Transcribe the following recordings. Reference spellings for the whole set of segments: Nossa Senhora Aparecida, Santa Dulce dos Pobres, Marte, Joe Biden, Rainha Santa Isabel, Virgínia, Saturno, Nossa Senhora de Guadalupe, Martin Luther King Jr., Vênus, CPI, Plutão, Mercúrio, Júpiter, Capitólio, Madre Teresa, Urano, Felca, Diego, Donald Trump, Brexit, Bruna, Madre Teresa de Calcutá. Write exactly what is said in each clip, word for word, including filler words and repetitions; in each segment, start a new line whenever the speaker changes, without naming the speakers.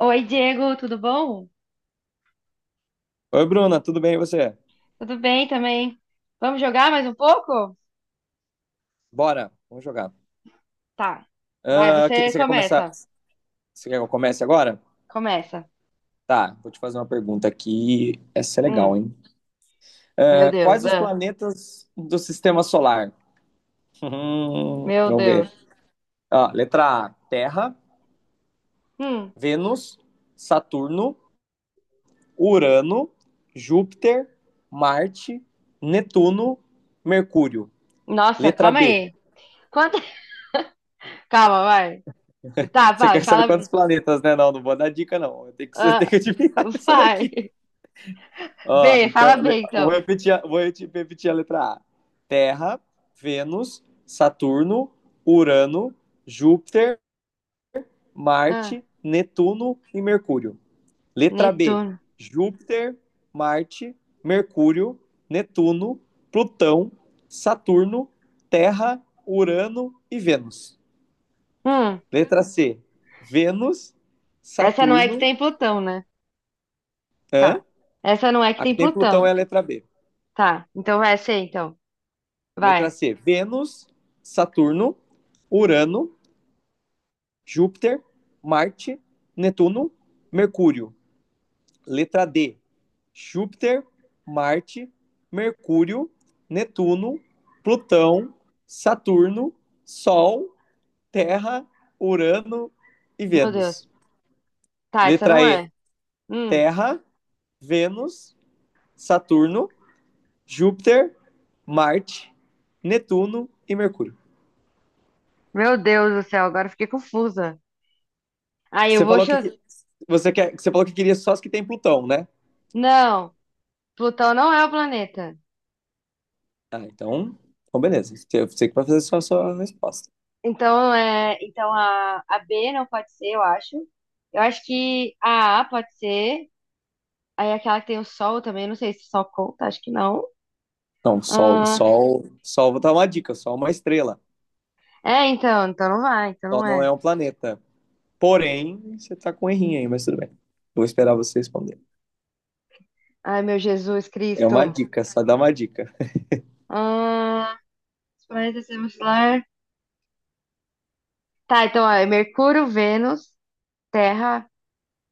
Oi, Diego, tudo bom?
Oi, Bruna, tudo bem e você?
Tudo bem também. Vamos jogar mais um pouco?
Bora, vamos jogar.
Tá. Vai,
Ah, que-
você
você quer começar?
começa.
Você quer que eu comece agora?
Começa.
Tá, vou te fazer uma pergunta aqui. Essa é legal,
Hum,
hein?
meu
Ah,
Deus.
quais os
Ah,
planetas do sistema solar? Hum,
meu
vamos ver.
Deus.
Ó, letra A: Terra,
Hum,
Vênus, Saturno, Urano, Júpiter, Marte, Netuno, Mercúrio.
nossa,
Letra
calma
B.
aí. Quanto... Calma, vai. Tá,
Você
vai,
quer saber
fala B.
quantos planetas, né? Não, não vou dar dica, não. Eu tenho que, você tem que
Ah,
adivinhar isso daqui.
Vai.
Ó,
B,
então,
fala B
le- vou
então.
repetir, a- vou reti- repetir a letra A. Terra, Vênus, Saturno, Urano, Júpiter,
Ah,
Marte, Netuno e Mercúrio. Letra B.
Netuno.
Júpiter, Marte, Mercúrio, Netuno, Plutão, Saturno, Terra, Urano e Vênus.
Hum,
Letra C. Vênus,
Essa não é que
Saturno,
tem Plutão, né?
hã?
Tá. Essa não é que
Aqui
tem
tem Plutão,
Plutão.
é a letra B.
Tá, então vai ser então.
Letra
Vai.
C, Vênus, Saturno, Urano, Júpiter, Marte, Netuno, Mercúrio. Letra D, Júpiter, Marte, Mercúrio, Netuno, Plutão, Saturno, Sol, Terra, Urano e
Meu
Vênus.
Deus. Tá, essa não
Letra E,
é. Hum.
Terra, Vênus, Saturno, Júpiter, Marte, Netuno e Mercúrio.
Meu Deus do céu, agora eu fiquei confusa. Aí eu
Você
vou
falou que
chutar.
que- você quer, você falou que queria só as que tem Plutão, né?
Não, Plutão não é o planeta.
Ah, então, então beleza. Você você que vai fazer só a sua resposta.
Então é, então a, a B não pode ser, eu acho. Eu acho que a A pode ser. Aí aquela que tem o Sol também, não sei se o Sol conta, acho que não.
Não, Sol,
Ah,
Sol, Sol, vou dar uma dica, Sol é uma estrela.
é, então, então não vai, então
Sol
não
não
é.
é um planeta. Porém, você tá com um errinho aí, mas tudo bem. Vou esperar você responder.
Ai, meu Jesus
É uma
Cristo.
dica, só dá uma dica.
Ah, os planetas do sistema solar. Tá, então ó, é Mercúrio, Vênus, Terra,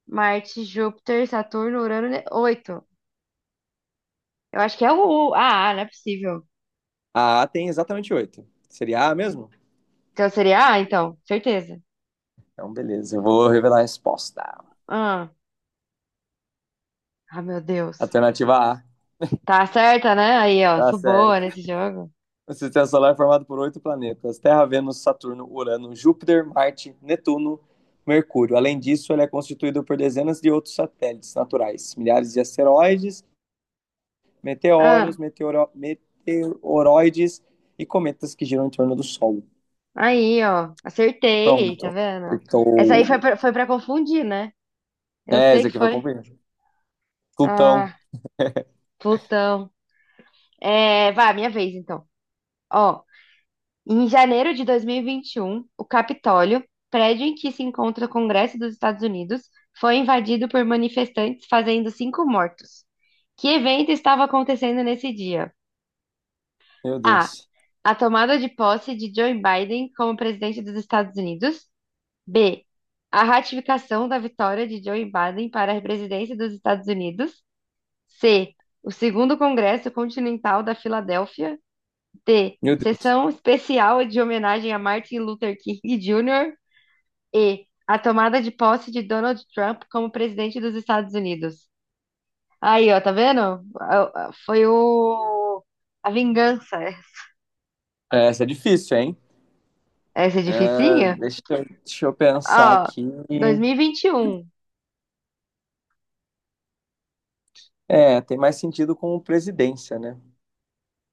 Marte, Júpiter, Saturno, Urano, ne- oito. Eu acho que é o, o A, não é possível.
A A tem exatamente oito. Seria A mesmo?
Então seria A, então, certeza.
Então, beleza, eu vou revelar a resposta.
Ah, ah, meu Deus.
Alternativa A.
Tá certa, né? Aí, ó,
Tá
sou boa
certo.
nesse jogo.
O sistema solar é formado por oito planetas: Terra, Vênus, Saturno, Urano, Júpiter, Marte, Netuno, Mercúrio. Além disso, ele é constituído por dezenas de outros satélites naturais, milhares de asteroides,
Ah,
meteoros, meteoro- meteoroides e cometas que giram em torno do Sol.
aí, ó, acertei, tá
Pronto.
vendo? Essa aí foi
Acertou.
pra, foi pra confundir, né? Eu
É,
sei
esse
que
aqui vai
foi.
cumprir. Plutão.
Ah, Plutão. É, vai, minha vez, então. Ó, em janeiro de dois mil e e vinte e um o Capitólio, prédio em que se encontra o Congresso dos Estados Unidos, foi invadido por manifestantes, fazendo cinco mortos. Que evento estava acontecendo nesse dia?
Meu
A.
Deus.
A tomada de posse de Joe Biden como presidente dos Estados Unidos. B. A ratificação da vitória de Joe Biden para a presidência dos Estados Unidos. C. O segundo Congresso Continental da Filadélfia. D.
Meu Deus.
Sessão especial de homenagem a Martin Luther King Júnior E. A tomada de posse de Donald Trump como presidente dos Estados Unidos. Aí, ó, tá vendo? Ah, ah, Foi o... a vingança.
É, essa é difícil, hein?
Essa é
É,
dificinha?
deixa, eu- deixa eu pensar
Ó,
aqui.
dois mil e vinte e um.
É, tem mais sentido com presidência, né?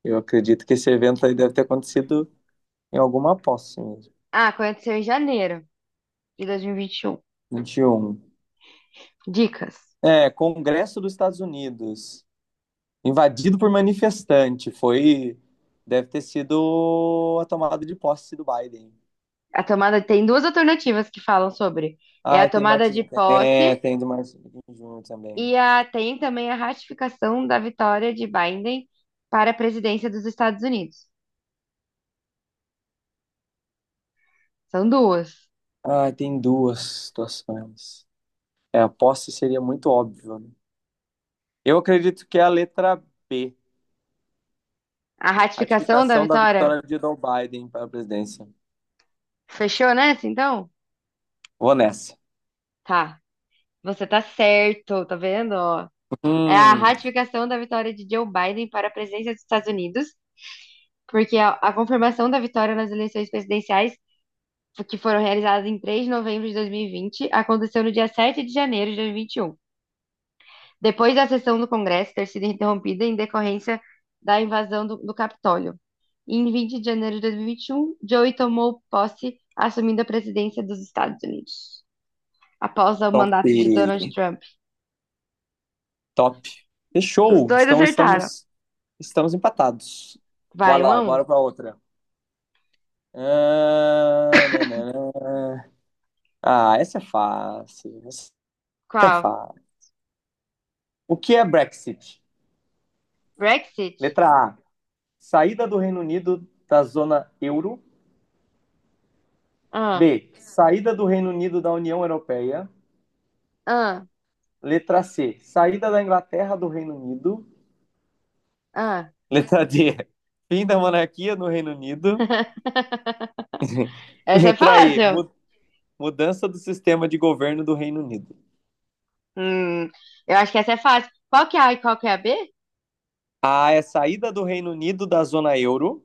Eu acredito que esse evento aí deve ter acontecido em alguma posse mesmo.
Ah, aconteceu em janeiro de dois mil e vinte e um.
vinte e um.
Dicas.
É, Congresso dos Estados Unidos, invadido por manifestante, foi, deve ter sido a tomada de posse do Biden.
A tomada tem duas alternativas que falam sobre. É a
Ah, tem
tomada de
Martin, é,
posse
tem do Martin Júnior também.
e a, tem também a ratificação da vitória de Biden para a presidência dos Estados Unidos. São duas.
Ah, tem duas situações. É, a posse seria muito óbvio, né? Eu acredito que é a letra B,
A ratificação da
ratificação da
vitória
vitória de Joe Biden para a presidência.
fechou nessa, então?
Vou nessa.
Tá. Você tá certo, tá vendo? Ó, é a
Hum,
ratificação da vitória de Joe Biden para a presidência dos Estados Unidos porque a, a confirmação da vitória nas eleições presidenciais, que foram realizadas em três de novembro de dois mil e vinte, aconteceu no dia sete de janeiro de dois mil e vinte e um, depois da sessão do Congresso ter sido interrompida em decorrência da invasão do, do Capitólio. Em vinte de janeiro de dois mil e vinte e um, Joey tomou posse, assumindo a presidência dos Estados Unidos, após o
top.
mandato de Donald Trump.
Top.
Os
Fechou.
dois
Então
acertaram.
estamos estamos empatados.
Vai,
Bora
um a
lá,
um.
bora pra outra. Ah, nananã. Ah, essa é fácil. Essa é
Qual?
fácil. O que é Brexit?
Brexit?
Letra A. Saída do Reino Unido da zona euro.
Ah,
B. Saída do Reino Unido da União Europeia.
ah,
Letra C. Saída da Inglaterra do Reino Unido.
ah.
Letra D. Fim da monarquia no Reino Unido.
Essa é
Letra E.
fácil.
mu- Mudança do sistema de governo do Reino Unido.
Hum, eu acho que essa é fácil. Qual que é A e qual que é a B?
A é saída do Reino Unido da zona euro,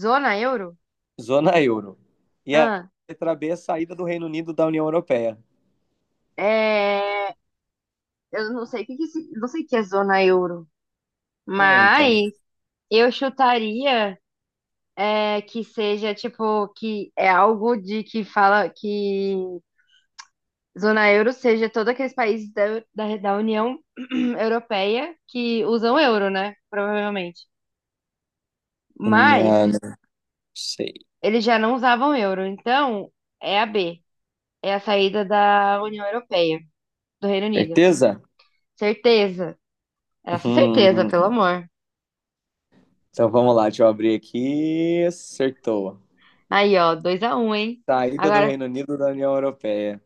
Zona euro?
zona euro. E a
Ah,
letra B é saída do Reino Unido da União Europeia.
é, eu não sei o que que, se- não sei o que é zona euro,
É, então.
mas eu chutaria é, que seja tipo que é algo de que fala que zona euro seja todos aqueles países da, da, da União Europeia que usam euro, né? Provavelmente.
Não,
Mas
não sei.
eles já não usavam euro, então é a B, é a saída da União Europeia, do Reino Unido.
Certeza?
Certeza. Essa certeza,
Hum,
pelo amor.
Então vamos lá, deixa eu abrir aqui. Acertou.
Aí, ó, dois a um, hein?
Saída do
Agora
Reino Unido da União Europeia.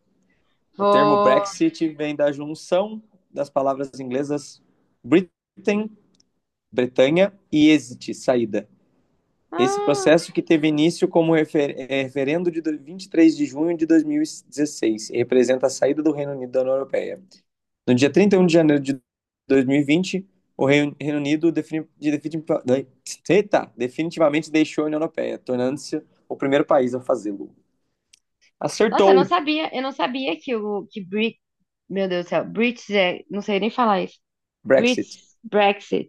O termo
vou.
Brexit vem da junção das palavras inglesas Britain, Bretanha, e exit, saída. Esse
Ah,
processo que teve início como refer é, referendo de vinte e três de junho de dois mil e dezesseis e representa a saída do Reino Unido da União Europeia. No dia trinta e um de janeiro de dois mil e vinte, o Reino, Reino Unido defini, defini, eita, definitivamente deixou a União Europeia, tornando-se o primeiro país a fazê-lo.
nossa, eu não
Acertou
sabia, eu não sabia que o que Brit, meu Deus do céu, Brits é, não sei nem falar isso.
Brexit.
Brits Brexit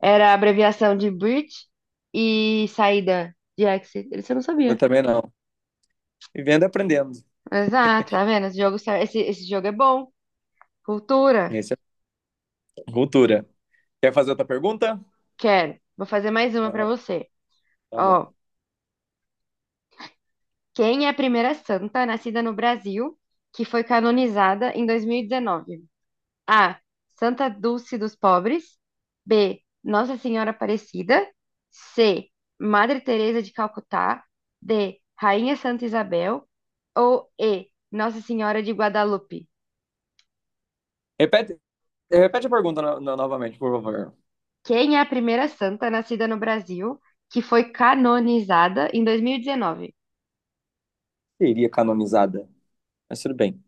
era a abreviação de Brit e saída de exit. Isso eu não
Eu
sabia.
também não. Vivendo e aprendendo.
Exato, tá vendo? Esse jogo, serve- esse, esse jogo é bom. Cultura.
Essa é a cultura. Quer fazer outra pergunta?
Quero. Vou fazer mais uma pra
Tá
você.
bom.
Ó, quem é a primeira santa nascida no Brasil que foi canonizada em dois mil e dezenove? A. Santa Dulce dos Pobres. B. Nossa Senhora Aparecida. C. Madre Teresa de Calcutá. D. Rainha Santa Isabel. Ou E. Nossa Senhora de Guadalupe.
Repete, repete a pergunta no, no, novamente, por favor.
Quem é a primeira santa nascida no Brasil que foi canonizada em dois mil e dezenove?
Seria canonizada, mas tudo bem.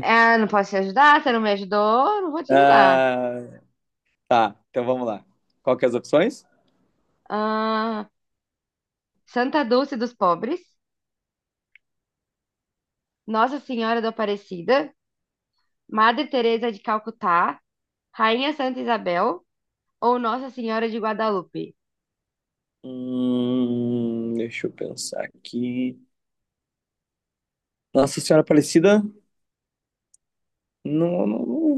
Ah, não posso te ajudar, você não me ajudou, não vou te ajudar.
Ah, tá, então vamos lá. Qual que é as opções?
Ah. Santa Dulce dos Pobres, Nossa Senhora da Aparecida, Madre Teresa de Calcutá, Rainha Santa Isabel ou Nossa Senhora de Guadalupe.
Hum, deixa eu pensar aqui. Nossa Senhora Aparecida, não, não, não-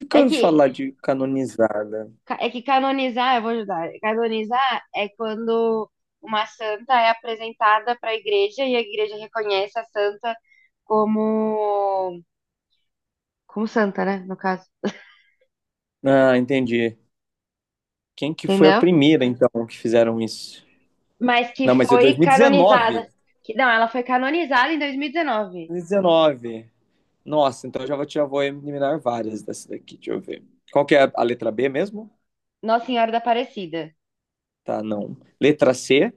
nunca
É
ouvi
que
falar de canonizada.
é que canonizar, eu vou ajudar. Canonizar é quando uma santa é apresentada para a igreja e a igreja reconhece a santa como como santa, né, no caso.
Ah, entendi. Quem que foi a
Entendeu?
primeira, então, que fizeram isso?
Mas que
Não, mas é
foi canonizada.
dois mil e dezenove.
Que, não, ela foi canonizada em dois mil e dezenove.
dois mil e dezenove. Nossa, então eu já vou, já vou eliminar várias dessa daqui, deixa eu ver. Qual que é a, a letra B mesmo?
Nossa Senhora da Aparecida.
Tá, não. Letra C?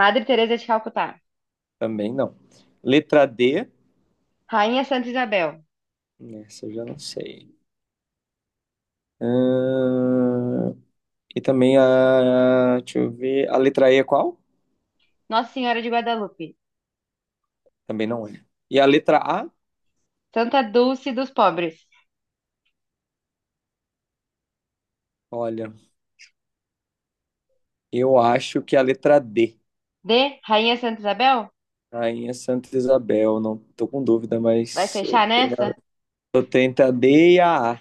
Madre Teresa de Calcutá.
Também não. Letra D,
Rainha Santa Isabel,
nessa eu já não sei. Ahn, e também a. Deixa eu ver. A letra E é qual?
Nossa Senhora de Guadalupe,
Também não é. E a letra A?
Santa Dulce dos Pobres.
Olha, eu acho que a letra D.
D, Rainha Santa Isabel?
Rainha Santa Isabel. Não tô com dúvida,
Vai
mas eu,
fechar nessa?
eu tento a D e a A.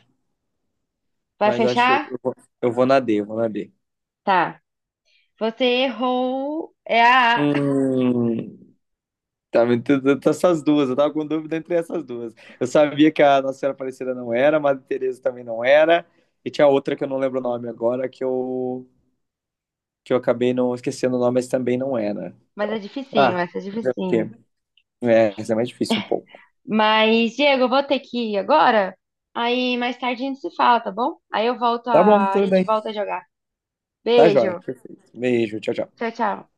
Vai
Mas acho que eu,
fechar?
eu vou eu vou na D, eu vou na D.
Tá. Você errou. É a A.
Hum, tá me tentando essas duas. Eu tava com dúvida entre essas duas. Eu sabia que a Nossa Senhora Aparecida não era, a Madre Teresa também não era. E tinha outra que eu não lembro o nome agora, que eu que eu acabei não esquecendo o nome, mas também não é, né?
Mas é
Então, ah,
dificinho, essa é
fazer o quê?
dificinho.
É, isso é mais difícil um pouco.
Mas, Diego, eu vou ter que ir agora. Aí mais tarde a gente se fala, tá bom? Aí eu volto
Tá bom,
a... a
tudo
gente
bem.
volta a jogar.
Tá jóia,
Beijo.
perfeito. Beijo, tchau, tchau.
Tchau, tchau.